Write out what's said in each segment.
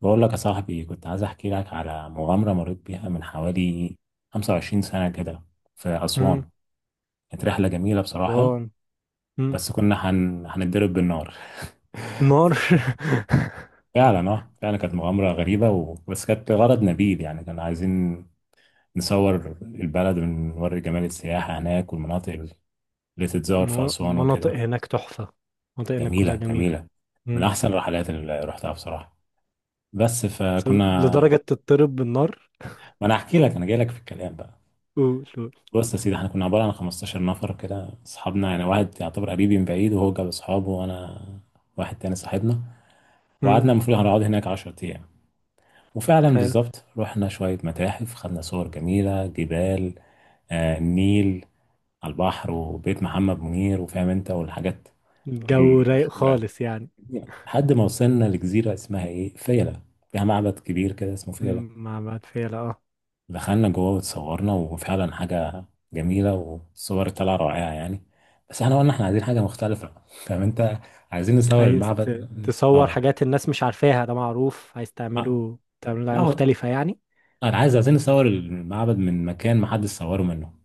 بقول لك يا صاحبي، كنت عايز احكي لك على مغامرة مريت بيها من حوالي 25 سنة كده في مم. أسوان. كانت رحلة جميلة بصراحة، وان مم. بس كنا هنتضرب بالنار. نار ف- فعلا، فعلا كانت مغامرة غريبة بس كانت غرض نبيل، يعني كنا عايزين نصور البلد ونوري جمال السياحة هناك والمناطق اللي تتزار في أسوان مناطق وكده. هناك تحفة. مناطق هناك كلها جميلة جميلة. جميلة، من مم. أحسن الرحلات اللي رحتها بصراحة. بس بس لدرجة فكنا، تضطرب بالنار؟ ما أنا هحكي لك، أنا جاي لك في الكلام بقى. قول قول. بص يا سيدي، احنا كنا عبارة عن 15 نفر كده، اصحابنا يعني، واحد يعتبر قريبي من بعيد وهو جاب اصحابه وانا واحد تاني صاحبنا. مم. وقعدنا، المفروض هنقعد هناك 10 ايام، وفعلا حلو. بالظبط رحنا شوية متاحف، خدنا صور جميلة، جبال، آه النيل، على البحر، وبيت محمد منير وفاهم انت والحاجات الجو رايق المشهورة. خالص يعني. لحد ما وصلنا لجزيرة اسمها ايه، فيلة، فيها معبد كبير كده اسمه فيلة. مع بعد فيلا اه. دخلنا جوه واتصورنا، وفعلا حاجة جميلة والصور طالعة رائعة يعني. بس احنا قلنا احنا عايزين حاجة مختلفة، فاهم انت، عايزين نصور عايز المعبد. تصور اه، حاجات الناس مش عارفاها، ده معروف، عايز آه، تعمله تعمله حاجة لا هو مختلفة يعني. انا عايزين نصور المعبد من مكان ما حدش صوره منه.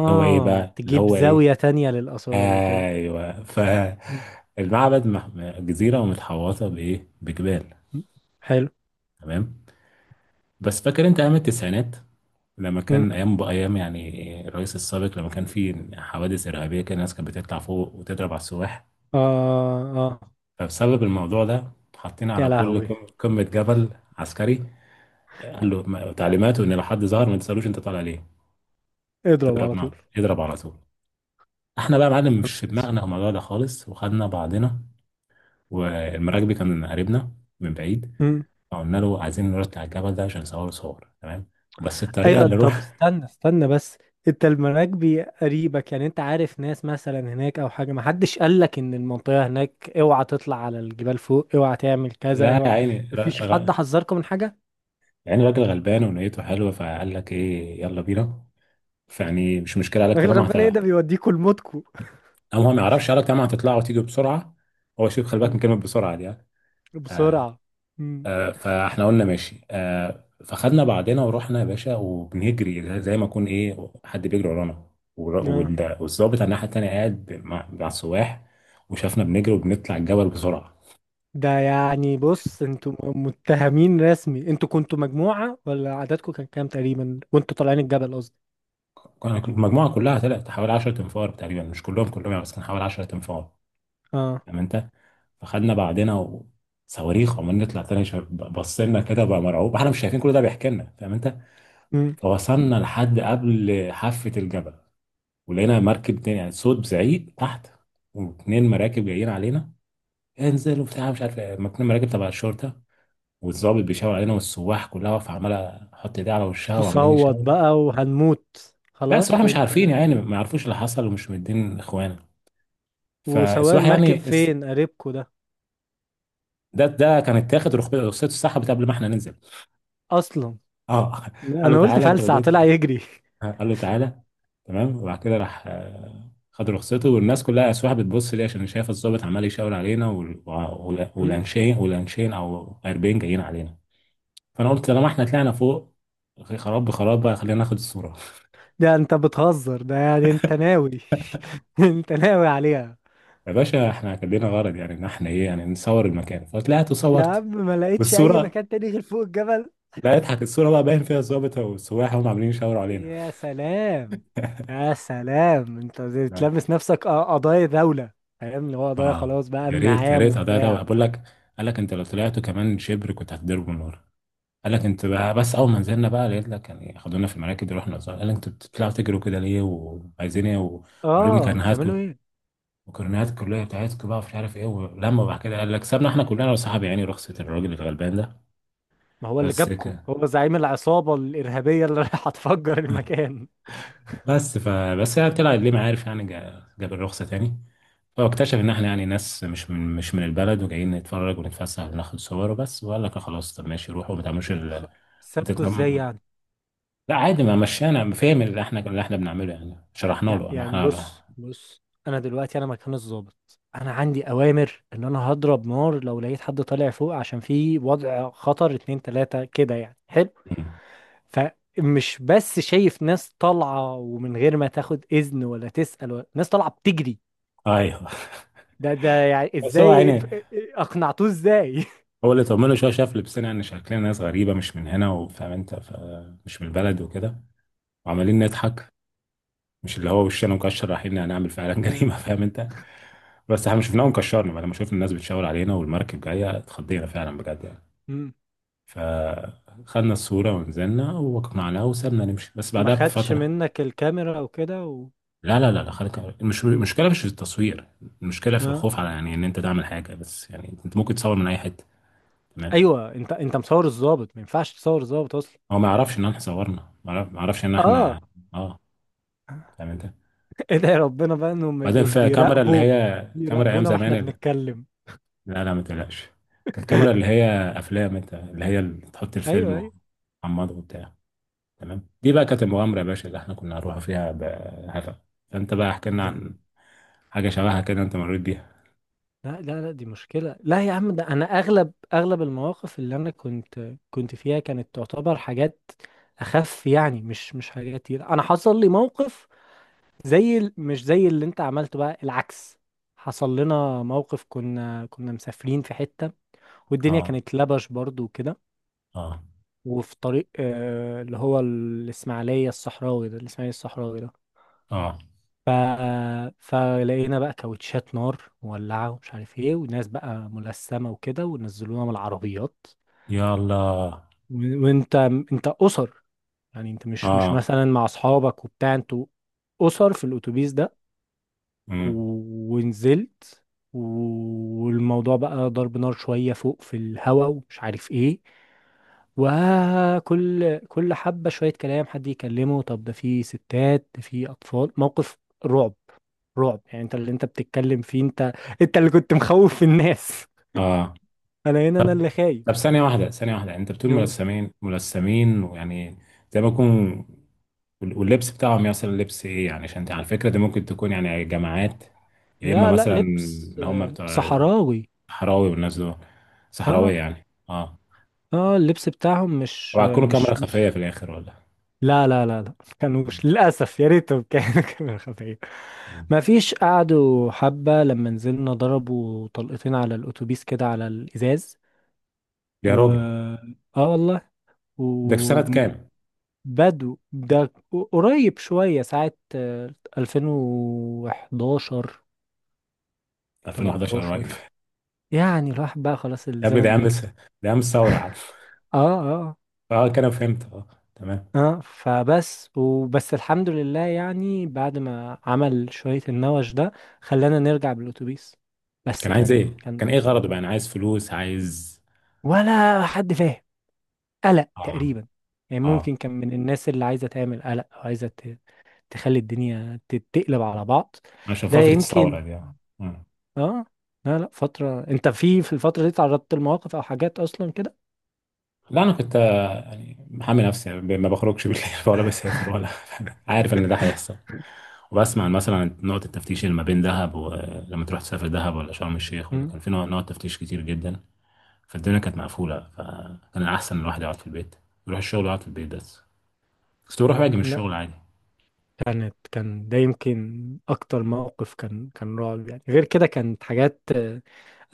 اللي هو ايه بقى، اللي تجيب هو ايه، زاوية تانية للآثار وكده. ايوه. ف مم. المعبد جزيرة ومتحوطة بايه، بجبال. حلو. تمام. بس فاكر انت ايام التسعينات لما مم. كان ايام بايام يعني الرئيس السابق، لما كان في حوادث ارهابيه كده، الناس كانت بتطلع فوق وتضرب على السواح. اه اه، فبسبب الموضوع ده حاطين يا على كل لهوي. قمه جبل عسكري. قال له تعليماته ان لو حد ظهر ما تسالوش انت طالع ليه، اضرب تضرب على نار، اضرب على طول. احنا بقى يا معلم مش في طول. دماغنا الموضوع ده خالص، وخدنا بعضنا، والمراكبي كان قريبنا من بعيد. مم. فقلنا له عايزين نرد على الجبل ده عشان نصور صور، تمام، بس الطريقه ايوه اللي طب روح. استنى بس، انت المراكبي قريبك، يعني انت عارف ناس مثلا هناك او حاجه؟ ما حدش قال لك ان المنطقه هناك اوعى تطلع على الجبال فوق، اوعى تعمل كذا، لا يا اوعى؟ عيني، مفيش حد حذركم من حاجه؟ يعني الراجل غلبان ونيته حلوه، فقال لك ايه، يلا بينا، فيعني مش مشكله. قال لك الراجل طالما هت، الغلبان ايه، ده بيوديكوا لموتكوا. او هو ما يعرفش، قال لك طالما هتطلعوا وتيجوا بسرعه. هو شوف، خلي بالك من مم. كلمه بسرعه دي يعني. بسرعه. مم. آه، فاحنا قلنا ماشي، آه، فخدنا بعضنا ورحنا يا باشا، وبنجري زي ما يكون ايه حد بيجري ورانا. اه. والظابط على الناحيه التانيه قاعد مع السواح، وشافنا بنجري وبنطلع الجبل بسرعه. ده يعني بص، انتوا متهمين رسمي، انتوا كنتوا مجموعه ولا عددكم كان كام تقريبا وانتوا طالعين الجبل؟ قصدي. المجموعه كلها طلعت حوالي 10 تنفار تقريبا، مش كلهم كلهم يعني، بس كان حوالي 10 تنفار. اه. فاهم انت، فخدنا بعضنا. وصواريخ عمالين نطلع تاني، بص لنا كده بقى مرعوب، احنا مش شايفين كل ده بيحكي لنا، فاهم انت. مم. فوصلنا لحد قبل حافة الجبل، ولقينا مركب تاني، يعني صوت زعيق تحت، واتنين مراكب جايين علينا، انزل وبتاع مش عارف ايه، اتنين مراكب تبع الشرطة، والضابط بيشاور علينا، والسواح كلها واقفة عمالة تحط ايديها على وشها وعمالين تصوت يشاوروا. بقى وهنموت لا السواح خلاص؟ مش وانت عارفين، يعني ما يعرفوش اللي حصل ومش مدين اخوانا. وسواق فالسواح المركب يعني فين، قريبكو ده؟ ده كان اتاخد رخصته اتسحبت قبل ما احنا ننزل. اصلا؟ اه، قال له انا قلت تعالى انت فلسع بدأت. طلع يجري. قال له تعالى، تمام. وبعد كده راح، آه، خد رخصته، والناس كلها اسواح بتبص ليه عشان شايف الضابط عمال يشاور علينا، مم. والانشين والانشين او 40 جايين علينا. فانا قلت طالما احنا طلعنا فوق، خراب بخراب بقى، خلينا ناخد الصوره. ده انت بتهزر، ده يعني انت ناوي. انت ناوي عليها. يا باشا احنا كان لنا غرض يعني، ان احنا ايه يعني نصور المكان، فطلعت يا وصورت عم، ما لقيتش اي والصوره، مكان تاني غير فوق الجبل؟ لا اضحك، الصوره بقى باين فيها الضابط والسواح هم عاملين يشاوروا علينا. يا سلام. يا سلام، انت زي تلمس نفسك قضايا دولة. فاهم؟ اللي هو قضايا، اه خلاص بقى يا امن ريت، يا عام ريت، ده وبتاع. بقول لك قال لك انت لو طلعتوا كمان شبر كنت هتضربوا نار. قال لك انت بقى، بس اول ما نزلنا بقى لقيت لك يعني خدونا في المراكب، رحنا الزهر، قال لك انتوا بتطلعوا تجروا كده ليه، وعايزين ايه، ووريني اه، بتعملوا كرنيهاتكم ايه؟ وكرنيهات الكليه بتاعتكم بقى، ومش عارف ايه. ولما بعد كده قال لك سابنا احنا كلنا وصحابي يعني، رخصه الراجل الغلبان ده ما هو اللي بس جابكو كده. هو زعيم العصابة الإرهابية اللي رايحة تفجر المكان. بس هي طلعت ليه ما عارف يعني، جاب الرخصه تاني، فاكتشف ان احنا يعني ناس مش من، البلد، وجايين نتفرج ونتفسح وناخد صور وبس. وقال لك خلاص طب ماشي روحوا، ما تعملوش ما سابكو ازاي يعني؟ لا عادي ما مشينا. فاهم اللي احنا بنعمله يعني، شرحنا له انا يعني احنا. بص بص، انا دلوقتي انا مكان الضابط، انا عندي اوامر ان انا هضرب نار لو لقيت حد طالع فوق، عشان في وضع خطر اتنين تلاتة كده يعني، حلو. مم. فمش بس شايف ناس طالعة ومن غير ما تاخد اذن ولا تسأل، ولا ناس طالعة بتجري. ايوه. ده ده يعني بس هو ازاي؟ يعني، اقنعتوه ازاي؟ هو اللي طمنه شويه، شاف لبسنا يعني، شكلنا ناس غريبه مش من هنا، وفاهم انت، ف مش من البلد وكده، وعمالين نضحك، مش اللي هو وشنا مكشر رايحين هنعمل فعلا جريمه. فاهم انت، بس احنا مش شفناهم، كشرنا لما شفنا الناس بتشاور علينا والمركب جايه، اتخضينا فعلا بجد يعني. مم. فخدنا الصورة ونزلنا وقنعناه وسابنا نمشي، بس ما بعدها خدش بفترة. منك الكاميرا او كده لا لا خليك، مش المشكلة مش في التصوير، المشكلة في ها؟ الخوف على، يعني ان انت تعمل حاجة، بس يعني انت ممكن تصور من اي حتة. تمام. ايوه، انت مصور الضابط، ما ينفعش تصور الضابط اصلا. هو ما يعرفش ان احنا صورنا، ما يعرفش ان اه. احنا، اه، فاهم انت. ادعي ربنا بقى انهم ما بعدين يبقوش في كاميرا اللي بيراقبوا، هي، كاميرا ايام بيراقبونا زمان واحنا اللي... بنتكلم. لا لا ما تقلقش، كانت كاميرا اللي هي افلام انت، اللي هي اللي تحط ايوه الفيلم ايوه. وتحمضه وبتاع. تمام. دي بقى كانت المغامرة يا باشا اللي احنا كنا هنروح فيها بهفا. فانت بقى احكي لنا ده عن حاجة شبهها كده انت مريت بيها. لا لا لا، دي مشكلة. لا يا عم، ده انا اغلب المواقف اللي انا كنت فيها كانت تعتبر حاجات اخف يعني، مش حاجات كتير. انا حصل لي موقف، زي ال- مش زي اللي انت عملته بقى، العكس. حصل لنا موقف، كنا مسافرين في حتة، والدنيا اه، كانت لبش برضو وكده، اه، وفي طريق اللي هو الاسماعيلية الصحراوي ده، الاسماعيلية الصحراوي ده. اه، ف... فلقينا بقى كاوتشات نار مولعة ومش عارف ايه، وناس بقى ملثمة وكده، ونزلونا من العربيات. يلا، و... وانت انت اسر، يعني انت مش اه، مثلا مع اصحابك وبتاع، انتوا اسر في الاتوبيس ده. و... امم، ونزلت. والموضوع بقى ضرب نار شوية فوق في الهوا ومش عارف ايه. وكل حبة شوية كلام، حد يكلمه طب ده في ستات ده في أطفال. موقف رعب. رعب يعني. انت اللي انت بتتكلم فيه، انت، انت اللي كنت مخوف الناس. اه. انا هنا انا طب، اللي خايف. طب، ثانية واحدة، انت بتقول نو- ملثمين، ملثمين، ويعني زي ما يكون. واللبس بتاعهم مثلا لبس ايه يعني، عشان انت على فكرة دي ممكن تكون يعني جماعات، يا اما لا لا، مثلا لبس اللي هم بتوع صحراوي. الصحراوي والناس دول صحراوية اه يعني، اه. اه، اللبس بتاعهم مش وهتكونوا كاميرا خفية مش في الآخر ولا؟ لا لا لا لا. كانوش آه. للاسف، يا ريتهم كانوا كانوا خفيف. ما فيش، قعدوا حبة لما نزلنا، ضربوا طلقتين على الأتوبيس كده على الإزاز. و يا راجل، اه والله. و... ده في سنة كام؟ بدو ده قريب شوية، ساعة 2011. 2011 قريب. 13. يعني الواحد بقى خلاص يا ابني ده الزمن عام، بيجري. ده عام الثورة يا عم. اه اه. اه كده فهمت، اه، تمام. اه فبس، وبس الحمد لله يعني، بعد ما عمل شوية النوش ده خلانا نرجع بالأتوبيس. بس كان عايز كان ايه، كان ايه غرضه بقى، انا عايز فلوس، عايز، ولا حد فاهم. قلق اه، تقريبا، يعني اه، ممكن كان من الناس اللي عايزة تعمل قلق، أو عايزة تخلي الدنيا تتقلب على بعض. عشان ده فترة الثورة يمكن. دي، اه. مم. اه. لا لا فترة، انت في الفترة دي تعرضت لمواقف او حاجات اصلا كده؟ لا انا كنت، آه، يعني محامي نفسي يعني، ما بخرجش بالليل ولا بسافر ولا. عارف ان ده هيحصل. وبسمع مثلا عن نقطة التفتيش اللي ما بين دهب، ولما تروح تسافر دهب ولا شرم الشيخ، ولا مم. كان في نقط تفتيش كتير جدا. فالدنيا كانت مقفولة، فكان الأحسن إن الواحد يقعد في البيت، يروح الشغل ويقعد في البيت بس. بس بروح واجي من لا الشغل عادي. كانت، كان ده يمكن اكتر موقف كان رعب يعني، غير كده كانت حاجات آه،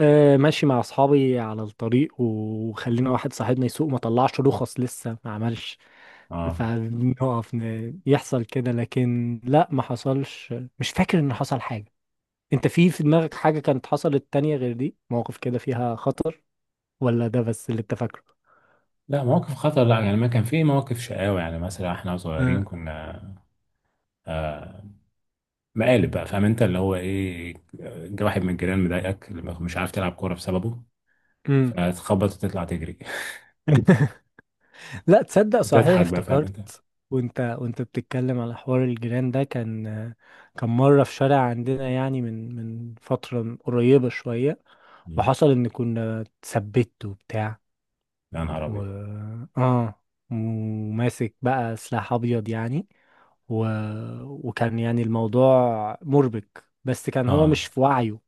آه، ماشي مع اصحابي على الطريق، وخلينا واحد صاحبنا يسوق، ما طلعش رخص لسه ما عملش. اه، فنقف يحصل كده، لكن لا ما حصلش، مش فاكر ان حصل حاجة. انت في دماغك حاجة كانت حصلت تانية غير دي، مواقف كده فيها خطر، ولا ده بس اللي انت فاكره؟ لا مواقف خطر لا، يعني ما كان في مواقف شقاوة يعني، مثلا احنا صغيرين كنا، آه، مقالب بقى، فاهم انت، اللي هو ايه، جه واحد من الجيران مضايقك، مش عارف تلعب كورة بسببه، امم. فتخبط وتطلع تجري. لا، تصدق صحيح وتضحك بقى، فاهم انت. افتكرت؟ وانت بتتكلم على حوار الجيران ده، كان مرة في شارع عندنا، يعني من فترة قريبة شوية، مم. وحصل ان كنا اتثبت وبتاع. يا نهار و ابيض. اه، وماسك بقى سلاح ابيض يعني. و... وكان يعني الموضوع مربك، بس كان هو اه، مش في وعيه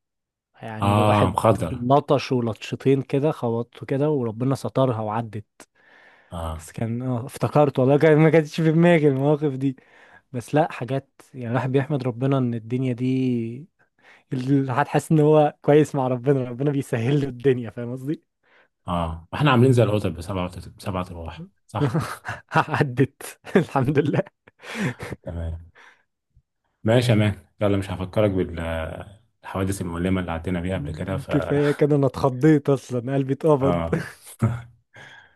يعني. اه الواحد مخدر، لطش ولطشتين كده، خبطته كده وربنا سترها وعدت. اه، بس كان، اه افتكرت والله، كان ما كانتش في دماغي المواقف دي. بس لا حاجات، يعني الواحد بيحمد ربنا. ان الدنيا دي، الواحد حاسس ان هو كويس مع ربنا، ربنا بيسهل له الدنيا. فاهم قصدي؟ اه. احنا عاملين زي القطط بسبعة، بسبعة ارواح، صح. عدت. الحمد لله. تمام، ماشي يا مان. يلا مش هفكرك بالحوادث المؤلمة اللي عدينا بيها قبل كده. ف كفاية كده، انا اتخضيت اصلا، قلبي اتقبض. اه.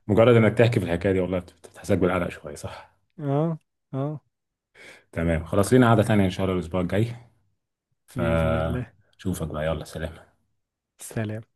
مجرد انك تحكي في الحكايه دي والله بتحسسك بالقلق شويه، صح. اه اه. تمام، خلاص، لينا قعده تانية ان شاء الله الاسبوع الجاي، بإذن الله. فشوفك بقى، يلا، سلام. سلام.